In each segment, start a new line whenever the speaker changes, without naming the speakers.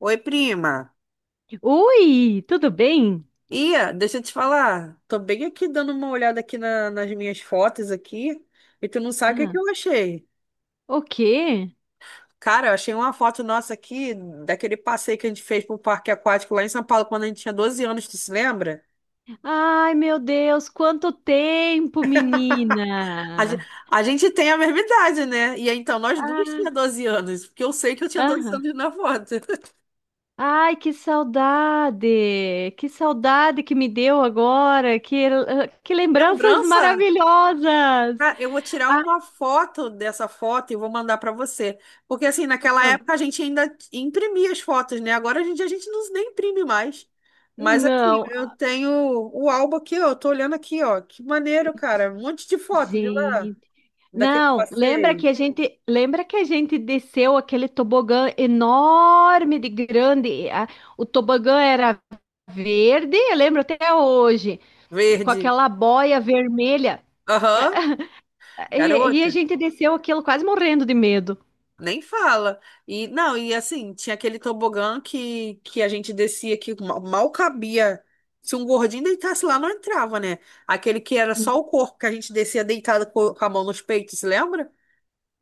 Oi, prima.
Oi, tudo bem?
Ia, deixa eu te falar. Tô bem aqui dando uma olhada aqui nas minhas fotos aqui. E tu não sabe o que que
Ah,
eu achei.
o quê?
Cara, eu achei uma foto nossa aqui daquele passeio que a gente fez pro parque aquático lá em São Paulo quando a gente tinha 12 anos, tu se lembra?
Ai, meu Deus, quanto tempo,
A, ge-
menina!
a gente tem a mesma idade, né? E aí, então, nós duas tinha
Ah,
12 anos, porque eu sei que eu tinha 12
aham.
anos na foto.
Ai, que saudade! Que saudade que me deu agora! Que lembranças
Lembrança?
maravilhosas!
Ah, eu vou tirar
Ah,
uma foto dessa foto e vou mandar para você. Porque, assim, naquela
mano,
época a gente ainda imprimia as fotos, né? Agora a gente não, nem imprime mais. Mas aqui,
não,
eu tenho o álbum aqui, ó. Eu tô olhando aqui, ó. Que maneiro, cara. Um monte de foto de lá,
gente.
daquele
Não, lembra que
passeio
a gente, lembra que a gente desceu aquele tobogã enorme de grande? O tobogã era verde, eu lembro até hoje, com
verde.
aquela boia vermelha.
Aham.
E a
Garota.
gente desceu aquilo quase morrendo de medo.
Nem fala. E não, e assim, tinha aquele tobogã que a gente descia que mal cabia. Se um gordinho deitasse lá, não entrava, né? Aquele que era só o corpo, que a gente descia deitado com a mão nos peitos, lembra?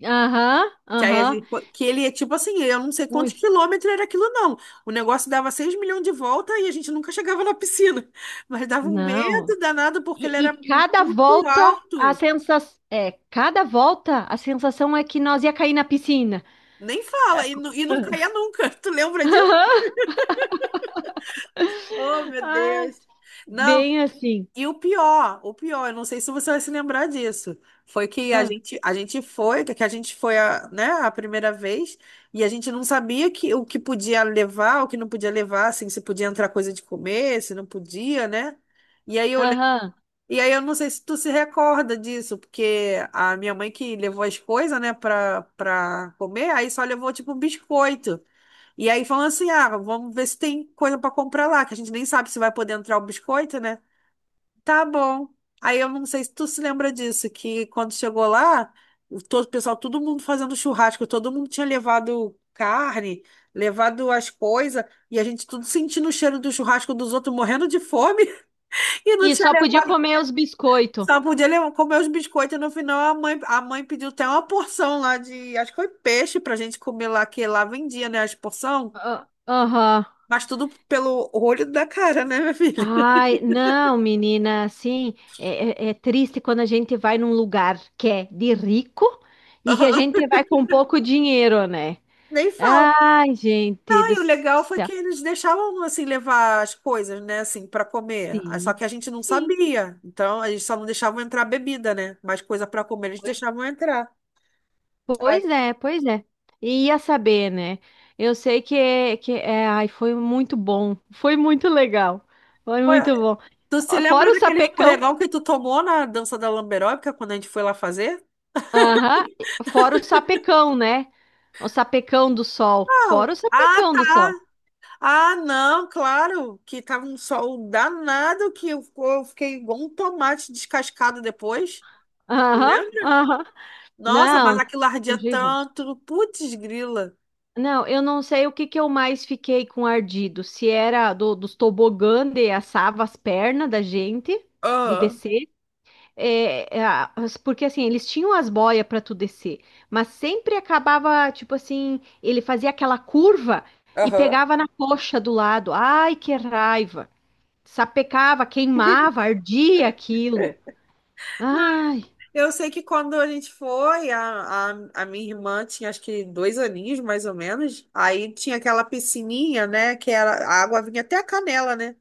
Aham,
Que aí
aham.
que ele é tipo assim, eu não sei quantos
Ui,
quilômetros era aquilo, não. O negócio dava 6 milhões de volta e a gente nunca chegava na piscina. Mas dava um
não.
medo danado porque
E,
ele era
e
muito alto.
cada volta a sensação é que nós ia cair na piscina.
Nem fala, e, e não caía nunca. Tu lembra disso? Oh, meu
Ah,
Deus. Não,
bem assim.
e o pior, eu não sei se você vai se lembrar disso. Foi que a
Ah,
gente, a gente foi, que a gente foi a, né, a primeira vez, e a gente não sabia que, o que podia levar, o que não podia levar, assim, se podia entrar coisa de comer, se não podia, né? E aí eu, le-
aham.
e aí eu não sei se tu se recorda disso, porque a minha mãe que levou as coisas, né, pra comer, aí só levou tipo um biscoito. E aí falando assim, ah, vamos ver se tem coisa para comprar lá, que a gente nem sabe se vai poder entrar o biscoito, né? Tá bom. Aí eu não sei se tu se lembra disso, que quando chegou lá, o pessoal, todo mundo fazendo churrasco, todo mundo tinha levado carne, levado as coisas, e a gente tudo sentindo o cheiro do churrasco dos outros, morrendo de fome, e não
E
tinha
só podia
levado,
comer os biscoitos.
só podia levar, comer os biscoitos. E no final, a mãe pediu até uma porção lá de, acho que foi peixe pra gente comer lá, que lá vendia, né, as porção,
Ah, aham.
mas tudo pelo olho da cara, né, minha filha?
Ai, não, menina, assim, é triste quando a gente vai num lugar que é de rico e que a gente vai com pouco dinheiro, né?
Nem fala.
Ai, gente do
E o legal foi que
céu.
eles deixavam assim levar as coisas, né, assim, para comer. Ah, só
Sim,
que a gente não
sim,
sabia. Então, eles só não deixavam entrar bebida, né? Mas coisa para comer eles
pois,
deixavam entrar.
pois
Aí,
é, pois é. E ia saber, né? Eu sei que ai, foi muito bom, foi muito legal, foi
ué,
muito bom.
tu se
Fora
lembra
o
daquele
sapecão.
escorregão que tu tomou na dança da lamberóbica quando a gente foi lá fazer?
Aham. Fora o sapecão, né? O sapecão do sol.
Não.
Fora o
Ah,
sapecão do
tá.
sol.
Ah, não, claro, que tava um sol danado que eu fiquei igual um tomate descascado depois.
Aham,
Lembra?
aham.
Nossa, mas
Não,
aquilo ardia
terrível.
tanto. Putz, grila.
Não, eu não sei o que que eu mais fiquei com ardido. Se era dos tobogã de assava as pernas da gente, de
Ah.
descer. É, porque assim, eles tinham as boias para tu descer, mas sempre acabava, tipo assim, ele fazia aquela curva e
Aham.
pegava na coxa do lado. Ai, que raiva! Sapecava, queimava, ardia aquilo. Ai,
Eu sei que quando a gente foi, a minha irmã tinha acho que 2 aninhos, mais ou menos. Aí tinha aquela piscininha, né? Que era, a água vinha até a canela, né?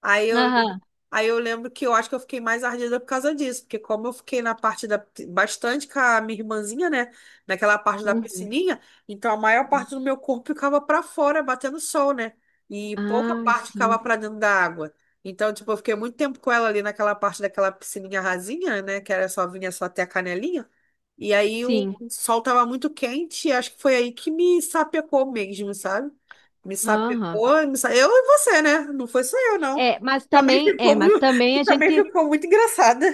Aí eu, lem-
aham,
Aí eu lembro que eu acho que eu fiquei mais ardida por causa disso, porque como eu fiquei na parte da, bastante com a minha irmãzinha, né, naquela parte da
uhum.
piscininha, então a maior parte do meu corpo ficava para fora, batendo sol, né, e pouca
Ai,
parte
sim,
ficava para dentro da água. Então, tipo, eu fiquei muito tempo com ela ali naquela parte daquela piscininha rasinha, né, que era só vinha só até a canelinha, e aí o
sim,
sol tava muito quente, e acho que foi aí que me sapecou mesmo, sabe? Me
aham.
sapecou, eu e você, né? Não foi só eu, não.
É, mas
Também
também, é,
ficou
mas
muito,
também a
também
gente,
ficou muito engraçada.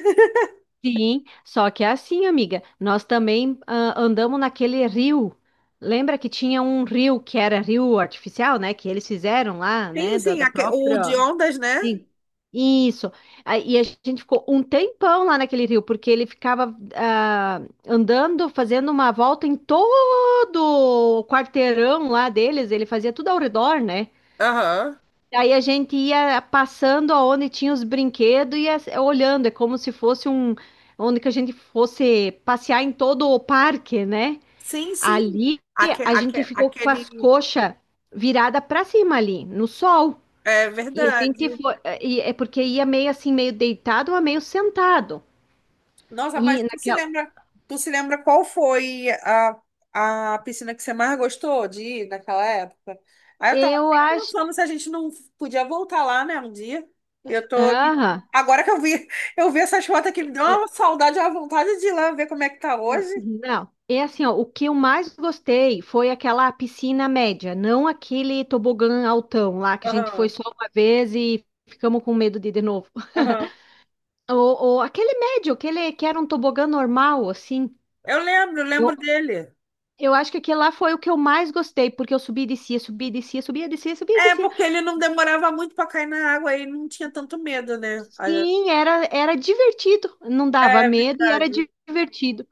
sim, só que é assim, amiga, nós também andamos naquele rio, lembra que tinha um rio que era rio artificial, né, que eles fizeram lá,
Sim,
né, da,
sim,
da
o de
própria.
ondas, né?
Sim, isso. E a gente ficou um tempão lá naquele rio, porque ele ficava andando, fazendo uma volta em todo o quarteirão lá deles, ele fazia tudo ao redor, né?
Aham.
Aí a gente ia passando aonde tinha os brinquedos e ia olhando, é como se fosse um, onde que a gente fosse passear em todo o parque, né?
Sim, sim.
Ali
Aque,
a gente
aque,
ficou com as
aquele.
coxas viradas para cima ali, no sol.
É
E a gente
verdade.
foi, e é porque ia meio assim, meio deitado ou meio sentado.
Nossa,
E
mas
naquela,
tu se lembra qual foi a piscina que você mais gostou de ir naquela época? Aí eu tava
eu
até
acho,
pensando se a gente não podia voltar lá, né, um dia. E eu tô aqui.
aham,
Agora que eu vi essas fotos aqui, me deu
é,
uma saudade, uma vontade de ir lá ver como é que tá hoje.
não. É assim, ó, o que eu mais gostei foi aquela piscina média, não aquele tobogã altão lá que a gente foi
Aham,
só uma vez e ficamos com medo de ir de novo.
aham.
Ou aquele médio, aquele que era um tobogã normal, assim.
Eu lembro,
Eu,
lembro dele.
eu acho que aquele lá foi o que eu mais gostei, porque eu subi e descia, subia e descia, subia e descia, subia e
É,
descia.
porque ele não demorava muito para cair na água e não tinha tanto medo, né? Olha,
Sim, era divertido. Não dava
é
medo e era
verdade.
divertido.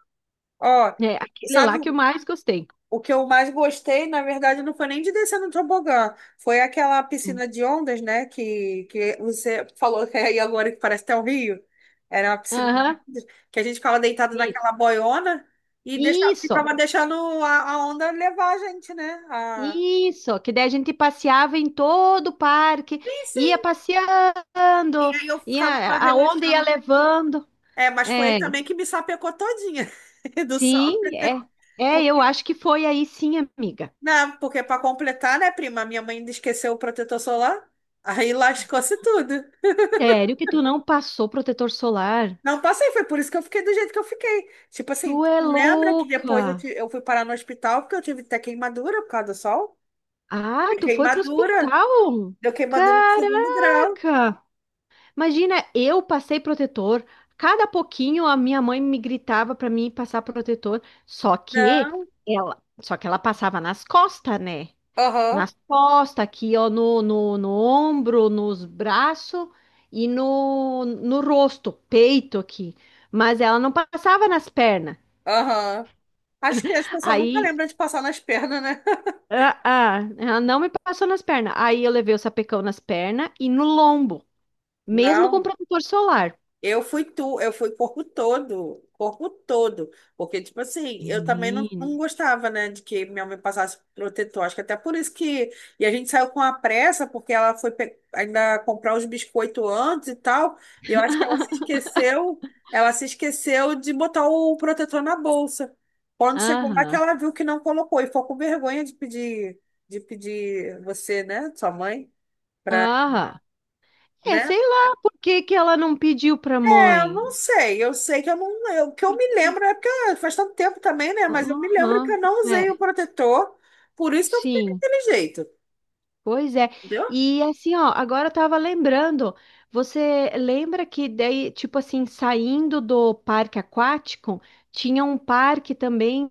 Ó,
É aquele
sabe
lá que eu mais gostei.
o que eu mais gostei, na verdade, não foi nem de descer no tobogã, foi aquela
Hum.
piscina de ondas, né? Que você falou que é aí agora que parece até o Rio. Era uma piscina de
Aham,
ondas, que a gente ficava deitado
isso.
naquela boiona e deixava,
Isso,
ficava deixando a onda levar a gente, né? A-
isso. Que daí a gente passeava em todo o parque,
Sim,
ia
sim. E
passeando,
aí eu ficava lá
a onda ia
relaxando.
levando.
É, mas foi ele
É,
também que me sapecou todinha do sol.
sim,
Porque,
eu acho que foi aí sim, amiga.
não, porque para completar, né, prima, minha mãe ainda esqueceu o protetor solar, aí lascou-se tudo.
Sério que tu não passou protetor solar?
Não passei, foi por isso que eu fiquei do jeito que eu fiquei. Tipo
Tu
assim, tu
é
lembra que
louca.
depois eu fui parar no hospital porque eu tive até queimadura por causa do sol?
Ah,
Deu
tu foi pro
queimadura,
hospital?
deu queimadura de segundo grau.
Caraca! Imagina, eu passei protetor. Cada pouquinho a minha mãe me gritava pra mim passar protetor. Só que
Não,
ela, só que ela passava nas costas, né?
aham,
Nas costas, aqui, ó, no ombro, nos braços e no rosto, peito aqui. Mas ela não passava nas pernas.
aham. Acho que as pessoas nunca
Aí,
lembram de passar nas pernas, né?
ela não me passou nas pernas. Aí eu levei o sapecão nas pernas e no lombo. Mesmo com
Não.
protetor solar.
Eu fui tu, eu fui corpo todo, porque tipo assim, eu também não
Menina.
gostava, né, de que minha mãe passasse protetor, acho que até por isso que, e a gente saiu com a pressa, porque ela foi ainda comprar os biscoitos antes e tal, e eu acho que ela se esqueceu de botar o protetor na bolsa, quando chegou lá que
Aham.
ela viu que não colocou, e ficou com vergonha de pedir você, né, sua mãe, pra,
Aham. É,
né?
sei lá por que que ela não pediu pra
É, eu não
mãe.
sei. Eu sei que eu não. O que eu me lembro é porque ah, faz tanto tempo também, né? Mas eu me lembro que eu
Aham.
não usei o
É.
protetor, por isso que eu fiquei
Sim.
daquele jeito,
Pois é.
entendeu?
E assim, ó, agora eu tava lembrando. Você lembra que daí, tipo assim, saindo do parque aquático, tinha um parque também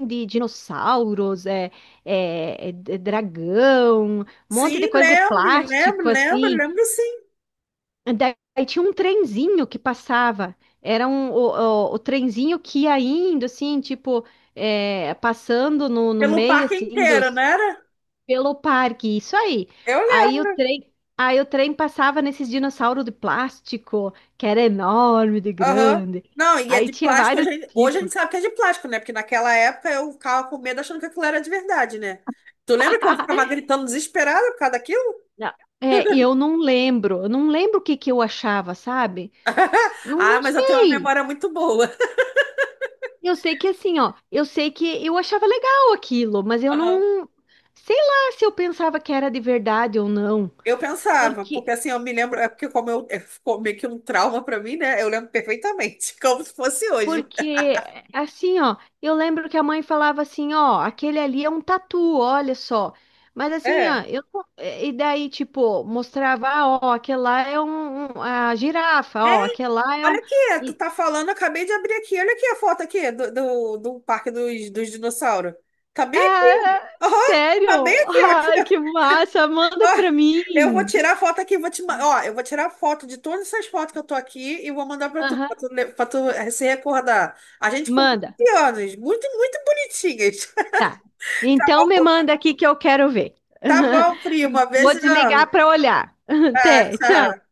de dinossauros, dragão, um
Sim,
monte de coisa de
lembro, lembro,
plástico,
lembro,
assim.
lembro sim.
Daí tinha um trenzinho que passava. Era o trenzinho que ia indo, assim, tipo, passando no
Pelo
meio,
parque
assim,
inteiro, não
dos,
era?
pelo parque. Isso aí.
Eu
Aí o
lembro.
trem, aí o trem passava nesses dinossauros de plástico, que era enorme, de
Aham.
grande.
Não, e é
Aí
de
tinha
plástico.
vários
Hoje a
tipos.
gente sabe que é de plástico, né? Porque naquela época eu ficava com medo achando que aquilo era de verdade, né? Tu lembra que eu ficava gritando desesperada por causa daquilo?
Não, é, e eu não lembro o que que eu achava, sabe? Não,
Ah,
não
mas eu tenho uma
sei.
memória muito boa.
Eu sei que assim, ó, eu sei que eu achava legal aquilo, mas eu não, sei lá se eu pensava que era de verdade ou não,
Eu pensava, porque
porque
assim, eu me lembro, é porque como eu, é, ficou meio que um trauma pra mim, né? Eu lembro perfeitamente, como se fosse hoje.
porque assim, ó, eu lembro que a mãe falava assim, ó, aquele ali é um tatu, olha só. Mas assim, ó,
É.
eu não- eh, e daí tipo mostrava, ah, ó, aquele lá é um, a girafa, ó,
Ei,
aquele lá é
olha
um
aqui, tu
e-
tá falando, eu acabei de abrir aqui, olha aqui a foto aqui do Parque dos Dinossauros. Tá bem?
ah,
Aham, tá bem
sério?
aqui, ó, aqui,
Ai, que
ó.
massa, manda
Ó,
pra
eu vou
mim.
tirar a foto aqui, vou te, ma- ó, eu vou tirar a foto de todas essas fotos que eu tô aqui e vou mandar pra tu,
Aham,
pra tu se recordar. A gente com
manda.
15 anos, muito, muito bonitinhas.
Tá. Então me manda aqui que eu quero ver.
Tá bom, primo,
Vou
beijão.
desligar para olhar.
Ah,
Até,
tchau.
tchau.